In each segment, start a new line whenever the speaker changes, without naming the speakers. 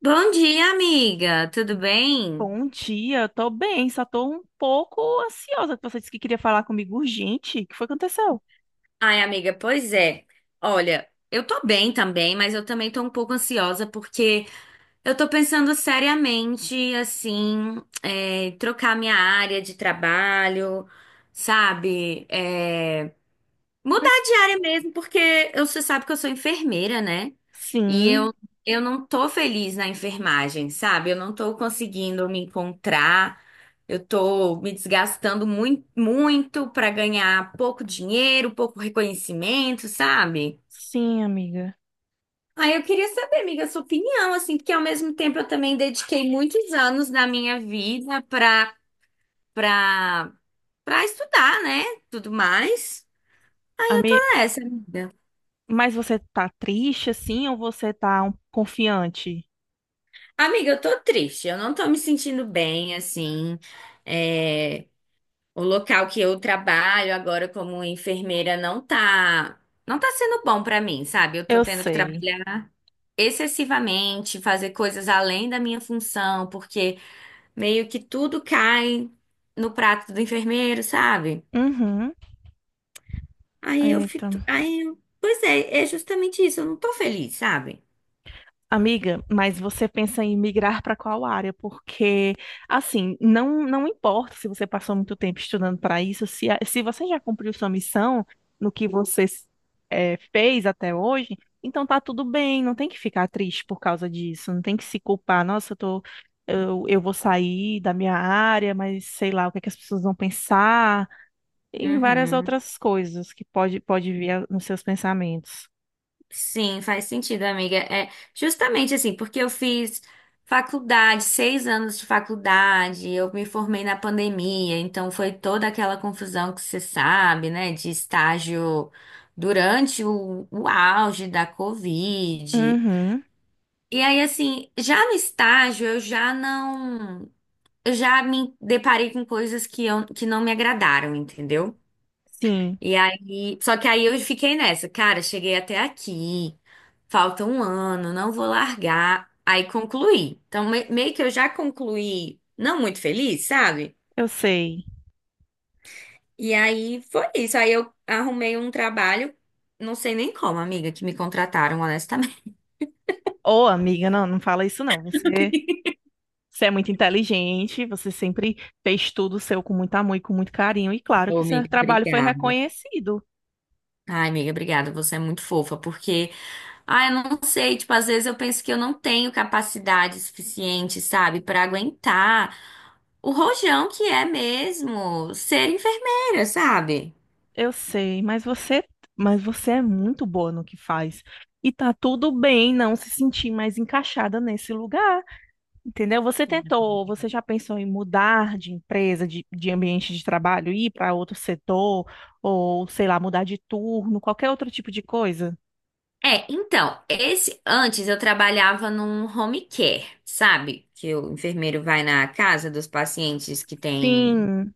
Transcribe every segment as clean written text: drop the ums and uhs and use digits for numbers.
Bom dia, amiga. Tudo bem?
Bom dia, tô bem, só tô um pouco ansiosa que você disse que queria falar comigo urgente. O que foi que aconteceu?
Ai, amiga, pois é. Olha, eu tô bem também, mas eu também tô um pouco ansiosa porque eu tô pensando seriamente, assim, trocar minha área de trabalho, sabe? Mudar
Mas
de área mesmo, porque você sabe que eu sou enfermeira, né? E
sim,
eu não tô feliz na enfermagem, sabe? Eu não tô conseguindo me encontrar. Eu tô me desgastando muito, muito para ganhar pouco dinheiro, pouco reconhecimento, sabe?
sim, amiga.
Aí eu queria saber, amiga, a sua opinião, assim, porque ao mesmo tempo eu também dediquei muitos anos da minha vida pra, pra estudar, né? Tudo mais.
Ami...
Ah, amiga.
Mas você tá triste assim ou você tá confiante?
Amiga, eu tô triste, eu não tô me sentindo bem, assim. É, o local que eu trabalho agora como enfermeira não tá sendo bom pra mim, sabe? Eu tô
Eu
tendo que
sei.
trabalhar excessivamente, fazer coisas além da minha função, porque meio que tudo cai no prato do enfermeiro, sabe?
Uhum.
Aí eu
Eita,
fico, aí, eu- pois é, é justamente isso, eu não tô feliz, sabe?
amiga, mas você pensa em migrar para qual área? Porque, assim, não, não importa se você passou muito tempo estudando para isso, se, se você já cumpriu sua missão no que você fez até hoje, então tá tudo bem, não tem que ficar triste por causa disso, não tem que se culpar. Nossa, eu vou sair da minha área, mas sei lá o que é que as pessoas vão pensar, e várias
Uhum.
outras coisas que pode vir nos seus pensamentos.
Sim, faz sentido, amiga. É justamente assim, porque eu fiz faculdade, 6 anos de faculdade, eu me formei na pandemia, então foi toda aquela confusão que você sabe, né, de estágio durante o auge da Covid.
Uhum,
E aí, assim, já no estágio eu já não, eu já me deparei com coisas que não me agradaram, entendeu?
sim,
E aí, só que aí eu fiquei nessa, cara, cheguei até aqui, falta um ano, não vou largar. Aí concluí. Então, meio que eu já concluí, não muito feliz, sabe?
eu sei.
E aí foi isso. Aí eu arrumei um trabalho, não sei nem como, amiga, que me contrataram, honestamente.
Ô, amiga, não, não fala isso não. Você é muito inteligente, você sempre fez tudo seu com muito amor e com muito carinho. E claro
Ô,
que seu
amiga,
trabalho foi
obrigada.
reconhecido.
Ai, amiga, obrigada, você é muito fofa, porque ah, eu não sei, tipo, às vezes eu penso que eu não tenho capacidade suficiente, sabe, pra aguentar o rojão que é mesmo ser enfermeira, sabe?
Eu sei, mas você é muito boa no que faz. E tá tudo bem não se sentir mais encaixada nesse lugar, entendeu? Você tentou, você já pensou em mudar de empresa, de ambiente de trabalho, ir para outro setor, ou sei lá, mudar de turno, qualquer outro tipo de coisa?
É, então, esse antes eu trabalhava num home care, sabe? Que o enfermeiro vai na casa dos pacientes que tem
Sim.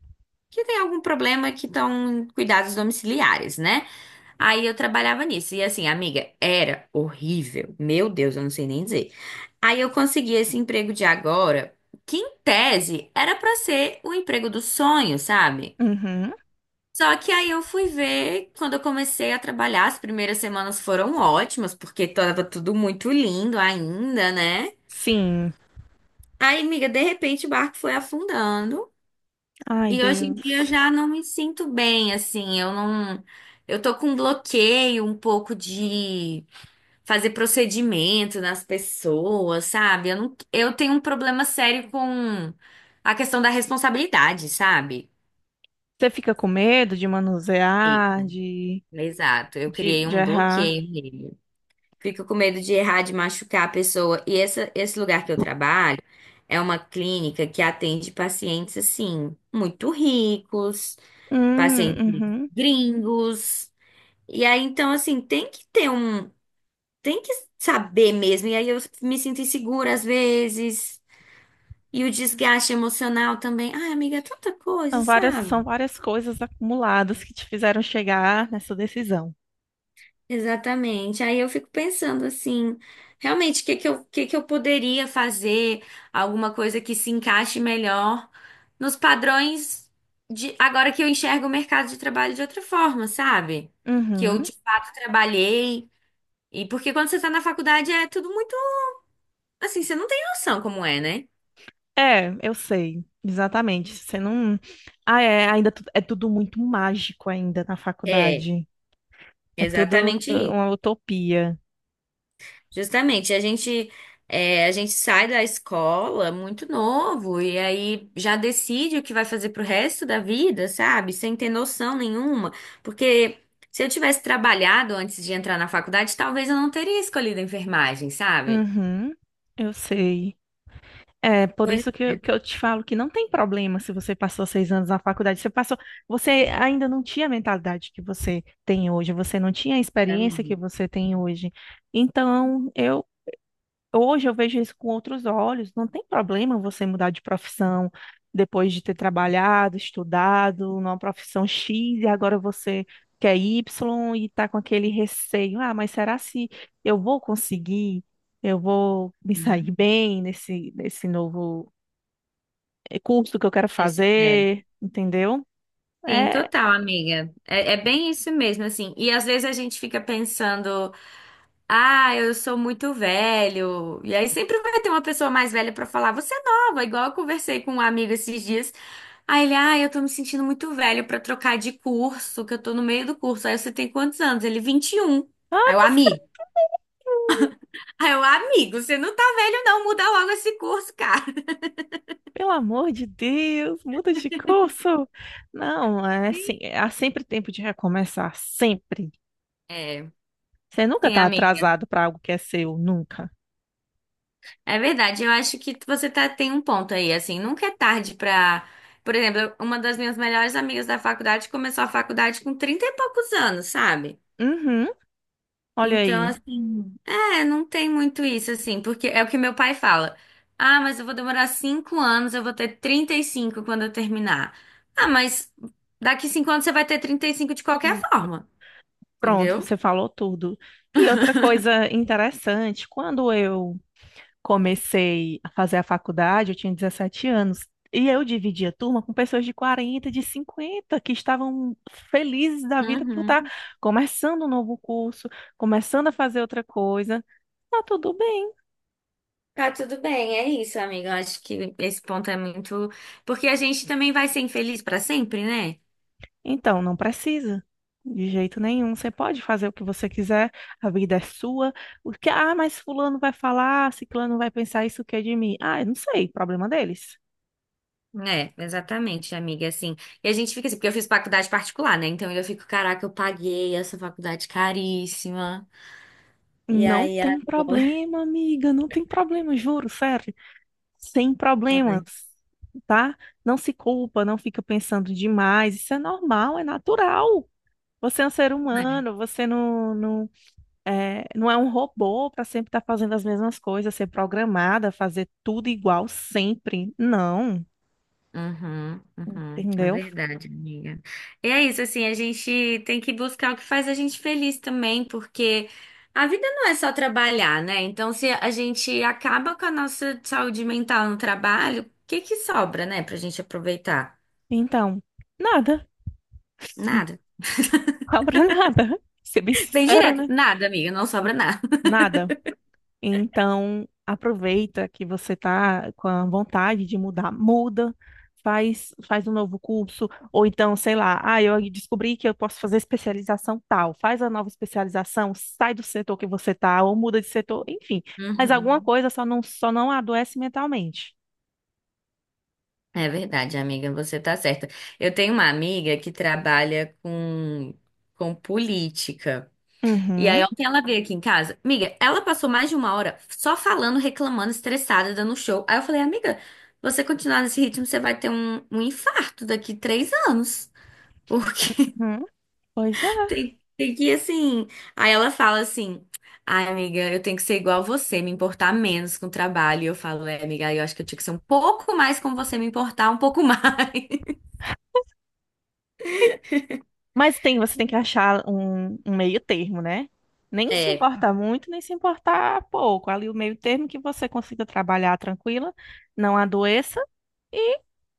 que tem algum problema que estão em cuidados domiciliares, né? Aí eu trabalhava nisso. E assim, amiga, era horrível. Meu Deus, eu não sei nem dizer. Aí eu consegui esse emprego de agora, que em tese era pra ser o emprego do sonho, sabe?
Uhum.
Só que aí eu fui ver, quando eu comecei a trabalhar, as primeiras semanas foram ótimas, porque tava tudo muito lindo ainda, né?
Sim.
Aí, amiga, de repente o barco foi afundando.
Ai,
E hoje em dia eu
Deus.
já não me sinto bem, assim, eu não. Eu tô com bloqueio um pouco de fazer procedimento nas pessoas, sabe? Eu não, eu tenho um problema sério com a questão da responsabilidade, sabe?
Você fica com medo de
Sim.
manusear,
Exato, eu criei
de
um
errar?
bloqueio nele. Fico com medo de errar, de machucar a pessoa. E esse lugar que eu trabalho é uma clínica que atende pacientes, assim, muito ricos, pacientes
Uhum.
gringos. E aí, então, assim, tem que ter um. Tem que saber mesmo. E aí eu me sinto insegura às vezes. E o desgaste emocional também. Ai, amiga, é tanta coisa, sabe?
São várias coisas acumuladas que te fizeram chegar nessa decisão.
Exatamente. Aí eu fico pensando assim, realmente, o que que eu poderia fazer? Alguma coisa que se encaixe melhor nos padrões de agora que eu enxergo o mercado de trabalho de outra forma, sabe? Que eu
Uhum.
de fato trabalhei. E porque quando você está na faculdade é tudo muito. Assim, você não tem noção como é, né?
É, eu sei, exatamente. Você não. Ah, é, ainda é tudo muito mágico ainda na
É,
faculdade. É tudo
exatamente isso.
uma utopia.
Justamente, a gente sai da escola muito novo e aí já decide o que vai fazer pro resto da vida, sabe? Sem ter noção nenhuma, porque se eu tivesse trabalhado antes de entrar na faculdade, talvez eu não teria escolhido enfermagem, sabe?
Uhum, eu sei. É por
Pois
isso que eu te falo que não tem problema se você passou 6 anos na faculdade. Você passou, você ainda não tinha a mentalidade que você tem hoje, você não tinha a
é,
experiência que
amiga.
você tem hoje. Então, eu hoje eu vejo isso com outros olhos. Não tem problema você mudar de profissão depois de ter trabalhado, estudado numa profissão X e agora você quer Y e está com aquele receio. Ah, mas será se eu vou conseguir? Eu vou me sair
Uhum.
bem nesse novo curso que eu quero
É.
fazer, entendeu?
Sim,
É,
total, amiga. É bem isso mesmo, assim. E às vezes a gente fica pensando. Ah, eu sou muito velho. E aí sempre vai ter uma pessoa mais velha pra falar, você é nova, igual eu conversei com um amigo esses dias. Aí ele, ah, eu tô me sentindo muito velho pra trocar de curso, que eu tô no meio do curso. Aí você tem quantos anos? Ele, 21.
ah,
Aí o amigo. Aí o amigo, você não tá velho não, muda logo esse curso, cara.
pelo amor de Deus, muda de curso. Não, é assim, há sempre tempo de recomeçar, sempre.
É,
Você nunca
sim,
tá
amiga.
atrasado para algo que é seu, nunca.
É verdade, eu acho que você tá, tem um ponto aí, assim, nunca é tarde pra... Por exemplo, uma das minhas melhores amigas da faculdade começou a faculdade com 30 e poucos anos, sabe?
Uhum, olha
Então,
aí.
assim, não tem muito isso, assim, porque é o que meu pai fala. Ah, mas eu vou demorar 5 anos, eu vou ter 35 quando eu terminar. Ah, mas daqui 5 anos você vai ter 35 de qualquer forma,
Pronto,
entendeu?
você falou tudo. E outra coisa interessante, quando eu comecei a fazer a faculdade, eu tinha 17 anos, e eu dividia turma com pessoas de 40, de 50, que estavam felizes da vida por estar
Uhum.
começando um novo curso, começando a fazer outra coisa. Tá tudo bem.
Tá tudo bem, é isso, amiga. Eu acho que esse ponto é muito. Porque a gente também vai ser infeliz pra sempre, né?
Então, não precisa. De jeito nenhum. Você pode fazer o que você quiser, a vida é sua. O que, ah, mas fulano vai falar, ciclano vai pensar isso que é de mim. Ah, eu não sei, problema deles.
É, exatamente, amiga, assim. E a gente fica assim, porque eu fiz faculdade particular, né? Então eu fico, caraca, eu paguei essa faculdade caríssima. E
Não
aí,
tem
agora.
problema, amiga, não tem problema, juro, sério. Sem problemas,
Ai,
tá? Não se culpa, não fica pensando demais. Isso é normal, é natural. Você é um ser
é,
humano, você não, não é, não é um robô para sempre estar fazendo as mesmas coisas, ser programada, fazer tudo igual sempre. Não,
uhum, uhum. É
entendeu?
verdade, amiga. E é isso, assim, a gente tem que buscar o que faz a gente feliz também, porque a vida não é só trabalhar, né? Então, se a gente acaba com a nossa saúde mental no trabalho, o que que sobra, né, pra gente aproveitar?
Então, nada.
Nada.
Cobra nada. Ser bem
Bem
sincera,
direto,
né?
nada, amiga, não sobra nada.
Nada. Então, aproveita que você está com a vontade de mudar, muda, faz um novo curso, ou então, sei lá, ah, eu descobri que eu posso fazer especialização tal, faz a nova especialização, sai do setor que você está, ou muda de setor, enfim, faz alguma
Uhum.
coisa, só não adoece mentalmente.
É verdade, amiga, você tá certa. Eu tenho uma amiga que trabalha com política. E aí
Uhum,
ontem ela veio aqui em casa. Amiga, ela passou mais de uma hora só falando, reclamando, estressada, dando show. Aí eu falei, amiga, você continuar nesse ritmo, você vai ter um infarto daqui 3 anos. Porque
uhum, pois é.
tem que ir assim. Aí ela fala assim, ai, amiga, eu tenho que ser igual a você, me importar menos com o trabalho. E eu falo, é, amiga, eu acho que eu tinha que ser um pouco mais como você, me importar um pouco mais.
Mas tem, você tem que achar um meio termo, né? Nem se
É,
importar muito, nem se importar pouco. Ali o meio termo que você consiga trabalhar tranquila, não adoeça.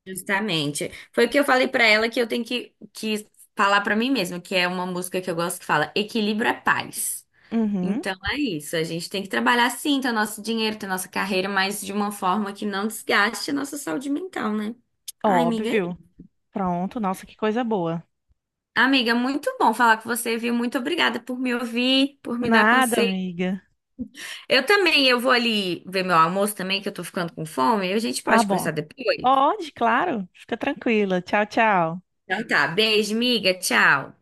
justamente. Foi o que eu falei pra ela que eu tenho que falar pra mim mesma, que é uma música que eu gosto que fala equilíbrio é paz.
Uhum,
Então é isso, a gente tem que trabalhar sim, ter o nosso dinheiro, ter nossa carreira, mas de uma forma que não desgaste a nossa saúde mental, né? Ai, amiga, é
óbvio.
isso.
Pronto, nossa, que coisa boa.
Amiga, muito bom falar com você, viu? Muito obrigada por me ouvir, por me dar
Nada,
conselho.
amiga.
Eu também, eu vou ali ver meu almoço também, que eu tô ficando com fome, e a gente
Tá
pode
bom.
conversar depois.
Pode, claro. Fica tranquila. Tchau, tchau.
Então tá, beijo, amiga, tchau.